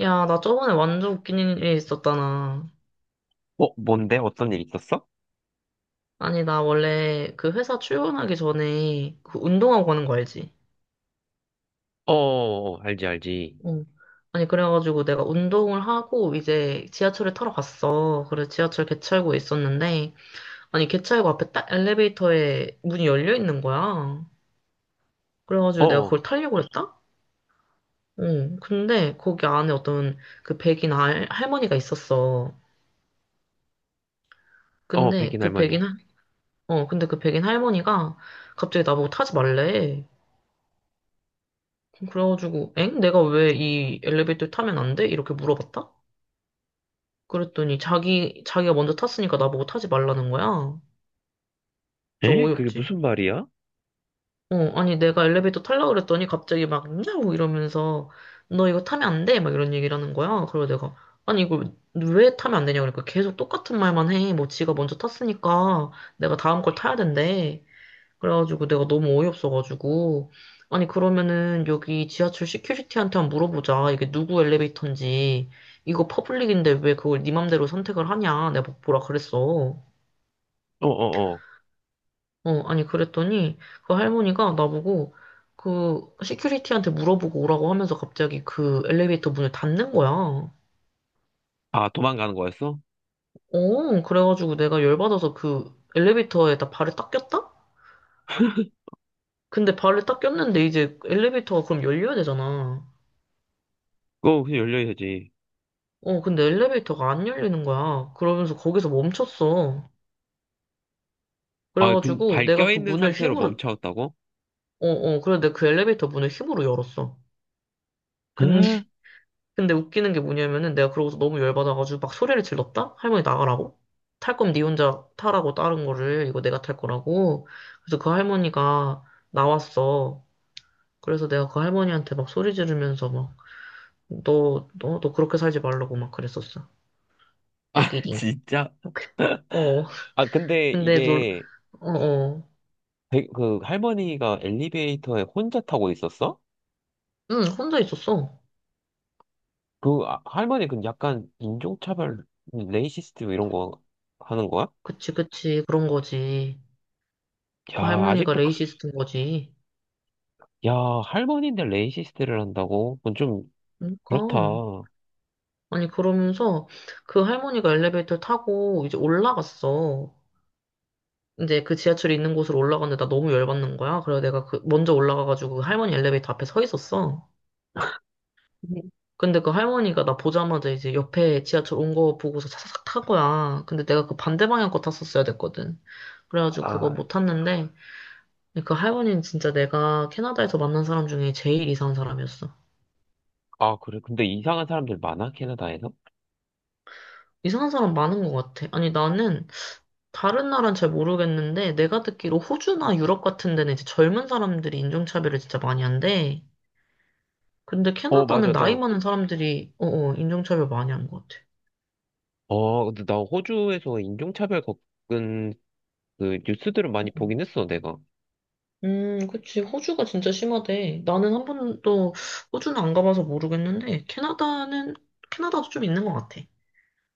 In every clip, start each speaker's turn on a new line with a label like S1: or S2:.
S1: 야, 나 저번에 완전 웃긴 일이 있었잖아.
S2: 어, 뭔데? 어떤 일 있었어?
S1: 아니, 나 원래 그 회사 출근하기 전에 그 운동하고 가는 거 알지?
S2: 어, 어, 어, 알지, 알지.
S1: 응. 아니, 그래가지고 내가 운동을 하고 이제 지하철을 타러 갔어. 그래서 지하철 개찰구에 있었는데, 아니, 개찰구 앞에 딱 엘리베이터에 문이 열려 있는 거야.
S2: 어,
S1: 그래가지고 내가
S2: 어,
S1: 그걸 타려고 그랬다? 응. 근데 거기 안에 어떤 그 백인 할, 할머니가 있었어.
S2: 어,
S1: 근데
S2: 백인
S1: 그 백인,
S2: 할머니.
S1: 어, 근데 그 백인 할머니가 갑자기 나보고 타지 말래. 그래가지고, 엥? 내가 왜 이 엘리베이터 타면 안 돼? 이렇게 물어봤다? 그랬더니 자기가 먼저 탔으니까 나보고 타지 말라는 거야. 저
S2: 에? 그게
S1: 어이없지.
S2: 무슨 말이야?
S1: 어, 아니 내가 엘리베이터 타려고 그랬더니 갑자기 막, 야우! 이러면서 너 이거 타면 안 돼? 막 이런 얘기를 하는 거야. 그래서 내가, 아니 이걸 왜 타면 안 되냐? 그러니까 계속 똑같은 말만 해. 뭐 지가 먼저 탔으니까 내가 다음 걸 타야 된대. 그래가지고 내가 너무 어이없어가지고. 아니, 그러면은 여기 지하철 시큐리티한테 한번 물어보자. 이게 누구 엘리베이터인지. 이거 퍼블릭인데 왜 그걸 네 맘대로 선택을 하냐. 내가 막 뭐라 그랬어.
S2: 어, 어, 어.
S1: 어, 아니, 그랬더니 그 할머니가 나보고 그 시큐리티한테 물어보고 오라고 하면서 갑자기 그 엘리베이터 문을 닫는 거야.
S2: 아, 도망가는 거였어?
S1: 어, 그래가지고 내가 열받아서 그 엘리베이터에다 발을 딱 꼈다? 근데 발을 딱 꼈는데 이제 엘리베이터가 그럼 열려야 되잖아.
S2: 어, 그냥 열려야지.
S1: 어, 근데 엘리베이터가 안 열리는 거야. 그러면서 거기서 멈췄어.
S2: 아, 그,
S1: 그래가지고
S2: 발
S1: 내가 그
S2: 껴있는
S1: 문을
S2: 상태로
S1: 힘으로,
S2: 멈췄다고?
S1: 어, 어, 그래 내가 그 엘리베이터 문을 힘으로 열었어. 근데,
S2: 에?
S1: 근데 웃기는 게 뭐냐면은 내가 그러고서 너무 열받아가지고 막 소리를 질렀다? 할머니 나가라고? 탈 거면 니 혼자 타라고 다른 거를 이거 내가 탈 거라고. 그래서 그 할머니가 나왔어. 그래서 내가 그 할머니한테 막 소리 지르면서 막 너, 너, 너 그렇게 살지 말라고 막 그랬었어.
S2: 아,
S1: 웃기딩.
S2: 진짜?
S1: 어,
S2: 아, 근데
S1: 근데 놀,
S2: 이게,
S1: 어, 어.
S2: 백- 그, 할머니가 엘리베이터에 혼자 타고 있었어?
S1: 응, 혼자 있었어.
S2: 그, 아, 할머니 그 약간 인종차별, 레이시스트 이런 거 하는 거야?
S1: 그치, 그치. 그런 거지. 그
S2: 야,
S1: 할머니가
S2: 아직도 그,
S1: 레이시스트인 거지.
S2: 야, 할머니인데 레이시스트를 한다고? 그건 좀
S1: 그러니까.
S2: 그렇다.
S1: 아니, 그러면서 그 할머니가 엘리베이터 타고 이제 올라갔어. 이제 그 지하철이 있는 곳으로 올라갔는데 나 너무 열받는 거야. 그래서 내가 그 먼저 올라가가지고 그 할머니 엘리베이터 앞에 서 있었어. 네. 근데 그 할머니가 나 보자마자 이제 옆에 지하철 온 거 보고서 사삭 탄 거야. 근데 내가 그 반대 방향 거 탔었어야 됐거든. 그래가지고 그거
S2: 아,
S1: 못 탔는데 그 할머니는 진짜 내가 캐나다에서 만난 사람 중에 제일 이상한 사람이었어.
S2: 아, 그래. 근데 이상한 사람들 많아, 캐나다에서?
S1: 이상한 사람 많은 것 같아. 아니, 나는 다른 나라는 잘 모르겠는데, 내가 듣기로 호주나 유럽 같은 데는 이제 젊은 사람들이 인종차별을 진짜 많이 한대. 근데
S2: 어,
S1: 캐나다는
S2: 맞아.
S1: 나이
S2: 나,
S1: 많은 사람들이, 인종차별 많이 한 것 같아.
S2: 어, 근데 나 호주에서 인종차별 겪은 그 뉴스들을 많이
S1: 음,
S2: 보긴 했어, 내가.
S1: 그치. 호주가 진짜 심하대. 나는 한 번도 호주는 안 가봐서 모르겠는데, 캐나다는, 캐나다도 좀 있는 것 같아.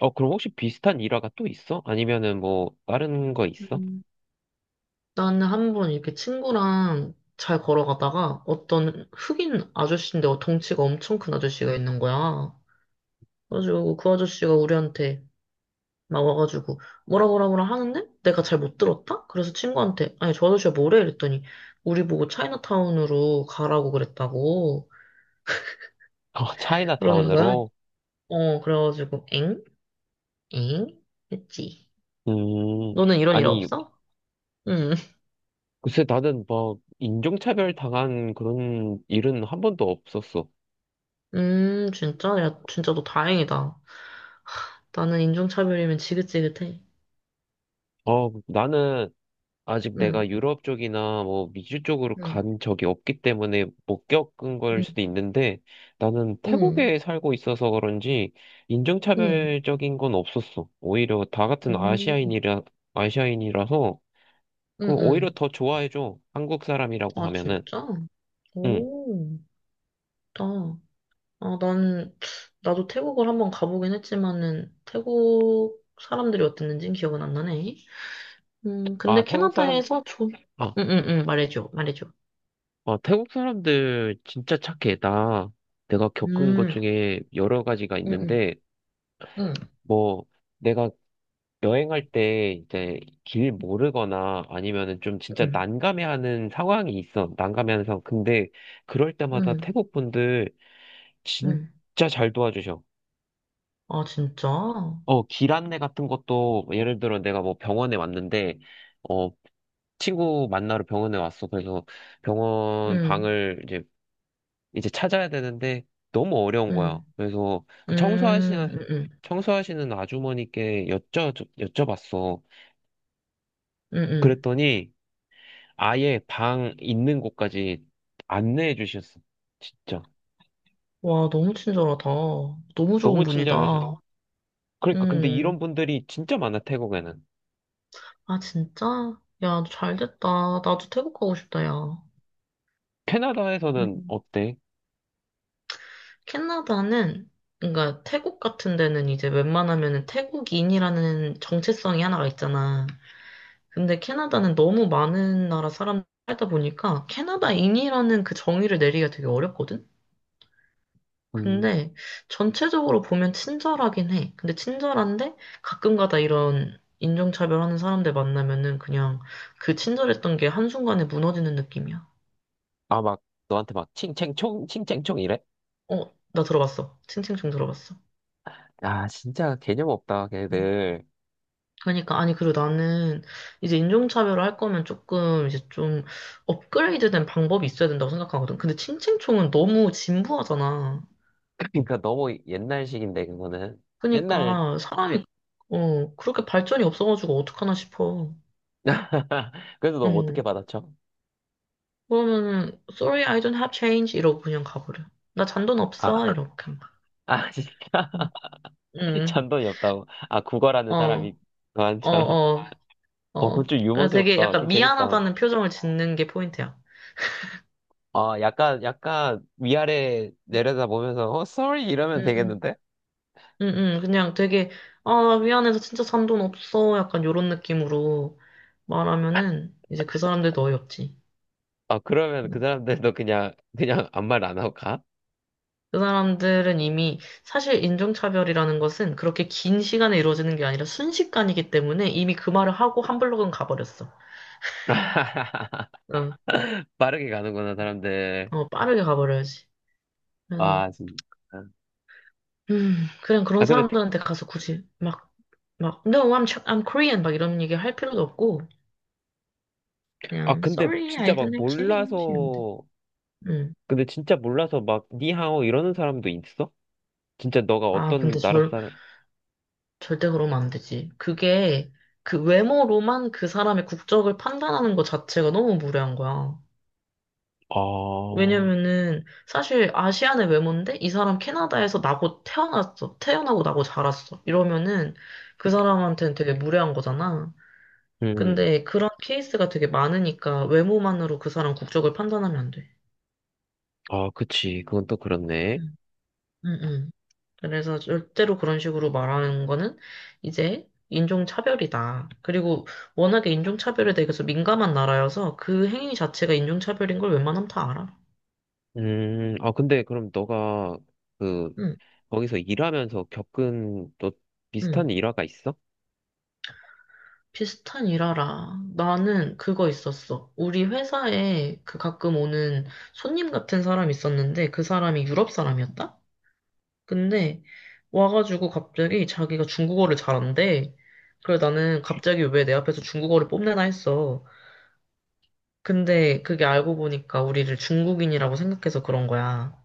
S2: 어, 그럼 혹시 비슷한 일화가 또 있어? 아니면은 뭐, 다른 거 있어?
S1: 음. 나는 한 번 이렇게 친구랑 잘 걸어가다가 어떤 흑인 아저씨인데 덩치가 엄청 큰 아저씨가 있는 거야. 그래가지고 그 아저씨가 우리한테 막 와가지고 뭐라 뭐라 뭐라 하는데 내가 잘 못 들었다? 그래서 친구한테 아니 저 아저씨가 뭐래? 이랬더니 우리 보고 차이나타운으로 가라고 그랬다고
S2: 어,
S1: 그러는 거야.
S2: 차이나타운으로?
S1: 어 그래가지고 엥? 엥? 했지.
S2: 음,
S1: 너는 이런 일
S2: 아니,
S1: 없어? 응.
S2: 글쎄, 나는 막, 인종차별 당한 그런 일은 한 번도 없었어.
S1: 진짜? 야 진짜 너 다행이다. 나는 인종차별이면 지긋지긋해.
S2: 어, 나는, 아직
S1: 응.
S2: 내가 유럽 쪽이나 뭐 미주 쪽으로
S1: 응.
S2: 간 적이 없기 때문에 못 겪은 걸
S1: 응.
S2: 수도 있는데 나는
S1: 응.
S2: 태국에 살고 있어서 그런지
S1: 응. 응.
S2: 인종차별적인 건 없었어. 오히려 다 같은
S1: 응.
S2: 아시아인이라, 아시아인이라서 그
S1: 응.
S2: 오히려
S1: 응."
S2: 더 좋아해줘. 한국 사람이라고
S1: 아
S2: 하면은.
S1: 진짜?
S2: 응.
S1: 오. 좋다. 아, 난, 나도 태국을 한번 가보긴 했지만은, 태국 사람들이 어땠는지는 기억은 안 나네.
S2: 아,
S1: 근데
S2: 태국 사람,
S1: 캐나다에서 좀,
S2: 아,
S1: 응, 응, 응, 말해줘, 말해줘.
S2: 아, 태국 사람들 진짜 착해. 나 내가 겪은 것
S1: 음,
S2: 중에 여러 가지가
S1: 응, 응,
S2: 있는데
S1: 응,
S2: 뭐 내가 여행할 때 이제 길 모르거나 아니면은 좀 진짜
S1: 응,
S2: 난감해하는 상황이 있어. 난감해하는 상황. 근데 그럴 때마다
S1: 응,
S2: 태국 분들
S1: 응.
S2: 진짜 잘 도와주셔.
S1: 아, 진짜?
S2: 어, 길 안내 같은 것도 뭐 예를 들어 내가 뭐 병원에 왔는데 어, 친구 만나러 병원에 왔어. 그래서 병원
S1: 응,
S2: 방을 이제 찾아야 되는데 너무 어려운 거야.
S1: 응,
S2: 그래서 그 청소하시는
S1: 응, 응,
S2: 청소하시는 아주머니께 여쭤봤어.
S1: 응, 응.
S2: 그랬더니 아예 방 있는 곳까지 안내해 주셨어. 진짜.
S1: 와, 너무 친절하다. 너무 좋은
S2: 너무 친절하셔.
S1: 분이다.
S2: 그러니까, 근데 이런
S1: 음,
S2: 분들이 진짜 많아, 태국에는.
S1: 아, 진짜? 야, 잘 됐다. 나도 태국 가고 싶다, 야.
S2: 캐나다에서는
S1: 음.
S2: 어때?
S1: 캐나다는 그러니까 태국 같은 데는 이제 웬만하면은 태국인이라는 정체성이 하나가 있잖아. 근데 캐나다는 너무 많은 나라 사람 살다 보니까 캐나다인이라는 그 정의를 내리기가 되게 어렵거든.
S2: 음,
S1: 근데 전체적으로 보면 친절하긴 해. 근데 친절한데 가끔가다 이런 인종차별하는 사람들 만나면은 그냥 그 친절했던 게 한순간에 무너지는 느낌이야.
S2: 아, 막, 너한테 막, 칭챙총, 칭챙총 이래?
S1: 어, 나 들어봤어. 칭칭 좀 들어봤어.
S2: 아, 진짜 개념 없다, 걔들.
S1: 그러니까 아니 그리고 나는 이제 인종차별을 할 거면 조금 이제 좀 업그레이드된 방법이 있어야 된다고 생각하거든. 근데 칭칭총은 너무 진부하잖아.
S2: 그러니까 너무 옛날식인데, 그거는. 옛날,
S1: 그러니까 사람이 어 그렇게 발전이 없어가지고 어떡하나 싶어.
S2: 그래서 너
S1: 응.
S2: 어떻게 받아쳐?
S1: 그러면은 sorry I don't have change 이러고 그냥 가버려. 나 잔돈
S2: 아,
S1: 없어 이러고 그냥 가.
S2: 아, 진짜.
S1: 응. 응.
S2: 잔돈이 없다고. 아, 국어라는 사람이
S1: 어. 어.
S2: 너한처럼.
S1: 어.
S2: 어, 그건
S1: 어.
S2: 좀
S1: 그냥 되게
S2: 유머스럽다.
S1: 약간
S2: 좀 재밌다.
S1: 미안하다는 표정을 짓는 게 포인트야.
S2: 아, 약간, 약간 위아래 내려다보면서, 어, sorry 이러면
S1: 응응.
S2: 되겠는데?
S1: 응, 응, 그냥 되게, 아, 미안해서 진짜 산 돈 없어. 약간 요런 느낌으로 말하면은 이제 그 사람들도 어이없지.
S2: 아, 그러면 그
S1: 응.
S2: 사람들도 그냥, 그냥 아무 말 안 하고 가?
S1: 그 사람들은 이미 사실 인종차별이라는 것은 그렇게 긴 시간에 이루어지는 게 아니라 순식간이기 때문에 이미 그 말을 하고 한 블록은 가버렸어. 응.
S2: 빠르게 가는구나, 사람들.
S1: 어, 빠르게 가버려야지. 그래서,
S2: 아, 진짜. 아,
S1: 그냥 그런
S2: 아, 근데,
S1: 사람들한테 가서 굳이 막, No, I'm Korean, 막 이런 얘기 할 필요도 없고,
S2: 아,
S1: 그냥,
S2: 근데
S1: Sorry, I
S2: 진짜
S1: don't
S2: 막
S1: have change. 이러면 돼.
S2: 몰라서,
S1: 응.
S2: 근데 진짜 몰라서 막, 니하오 이러는 사람도 있어? 진짜 너가
S1: 아, 근데
S2: 어떤 나라 사람,
S1: 절대 그러면 안 되지. 그게 그 외모로만 그 사람의 국적을 판단하는 것 자체가 너무 무례한 거야.
S2: 아,
S1: 왜냐면은 사실 아시안의 외모인데 이 사람 캐나다에서 나고 태어났어. 태어나고 나고 자랐어. 이러면은 그 사람한테는 되게 무례한 거잖아.
S2: 음,
S1: 근데 그런 케이스가 되게 많으니까 외모만으로 그 사람 국적을 판단하면 안 돼.
S2: 아, 그치. 그건 또 그렇네.
S1: 응, 응, 응. 그래서 절대로 그런 식으로 말하는 거는 이제 인종차별이다. 그리고 워낙에 인종차별에 대해서 민감한 나라여서 그 행위 자체가 인종차별인 걸 웬만하면 다 알아.
S2: 아, 근데 그럼 너가 그,
S1: 응,
S2: 거기서 일하면서 겪은 또 비슷한
S1: 응.
S2: 일화가 있어?
S1: 비슷한 일 알아. 나는 그거 있었어. 우리 회사에 그 가끔 오는 손님 같은 사람 있었는데 그 사람이 유럽 사람이었다? 근데 와가지고 갑자기 자기가 중국어를 잘한대. 그래 나는 갑자기 왜 내 앞에서 중국어를 뽐내나 했어. 근데 그게 알고 보니까 우리를 중국인이라고 생각해서 그런 거야.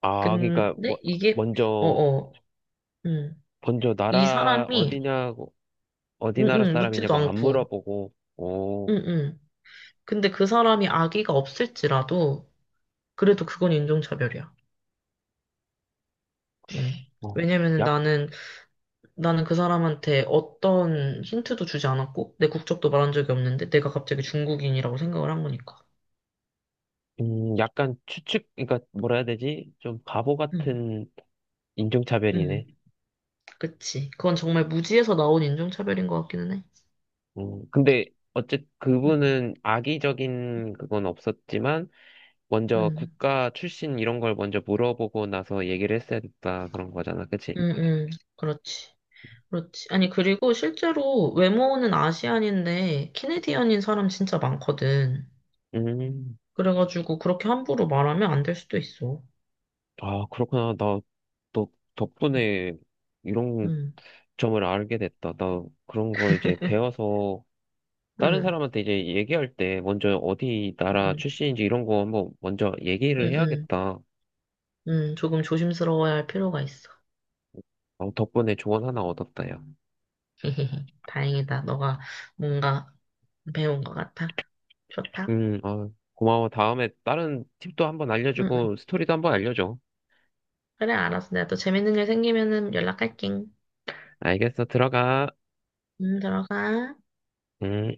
S2: 아, 그러니까, 뭐,
S1: 근데 이게,
S2: 먼저,
S1: 어어, 음,
S2: 먼저
S1: 이
S2: 나라
S1: 사람이,
S2: 어디냐고, 어디
S1: 응,
S2: 나라
S1: 응, 묻지도
S2: 사람이냐고 안
S1: 않고,
S2: 물어보고,
S1: 응,
S2: 오,
S1: 응. 근데 그 사람이 아기가 없을지라도, 그래도 그건 인종차별이야. 음.
S2: 어,
S1: 왜냐면은
S2: 약,
S1: 나는, 나는 그 사람한테 어떤 힌트도 주지 않았고, 내 국적도 말한 적이 없는데, 내가 갑자기 중국인이라고 생각을 한 거니까.
S2: 약간 추측, 그러니까 뭐라 해야 되지? 좀 바보
S1: 응,
S2: 같은
S1: 응,
S2: 인종차별이네.
S1: 그치. 그건 정말 무지에서 나온 인종차별인 것 같기는 해.
S2: 근데, 어쨌,
S1: 응,
S2: 그분은 악의적인 그건 없었지만, 먼저
S1: 응.
S2: 국가 출신 이런 걸 먼저 물어보고 나서 얘기를 했어야 됐다 그런 거잖아, 그치?
S1: 음, 음, 그렇지. 그렇지. 아니, 그리고 실제로 외모는 아시안인데, 캐네디언인 사람 진짜 많거든.
S2: 음,
S1: 그래가지고, 그렇게 함부로 말하면 안 될 수도 있어.
S2: 아, 그렇구나. 나, 너 덕분에 이런
S1: 음,
S2: 점을 알게 됐다. 나 그런 걸 이제 배워서 다른
S1: 음,
S2: 사람한테 이제 얘기할 때 먼저 어디 나라
S1: 음,
S2: 출신인지 이런 거 한번 먼저
S1: 음,
S2: 얘기를
S1: 음,
S2: 해야겠다.
S1: 조금 조심스러워야 할 필요가 있어.
S2: 어, 덕분에 조언 하나 얻었다, 야.
S1: 다행이다. 너가 뭔가 배운 것 같아. 좋다.
S2: 아, 고마워. 다음에 다른 팁도 한번
S1: 응응
S2: 알려주고 스토리도 한번 알려줘.
S1: 그래, 알았어. 내가 또 재밌는 일 생기면은 연락할게.
S2: 알겠어. 들어가.
S1: 응 들어가.
S2: 음.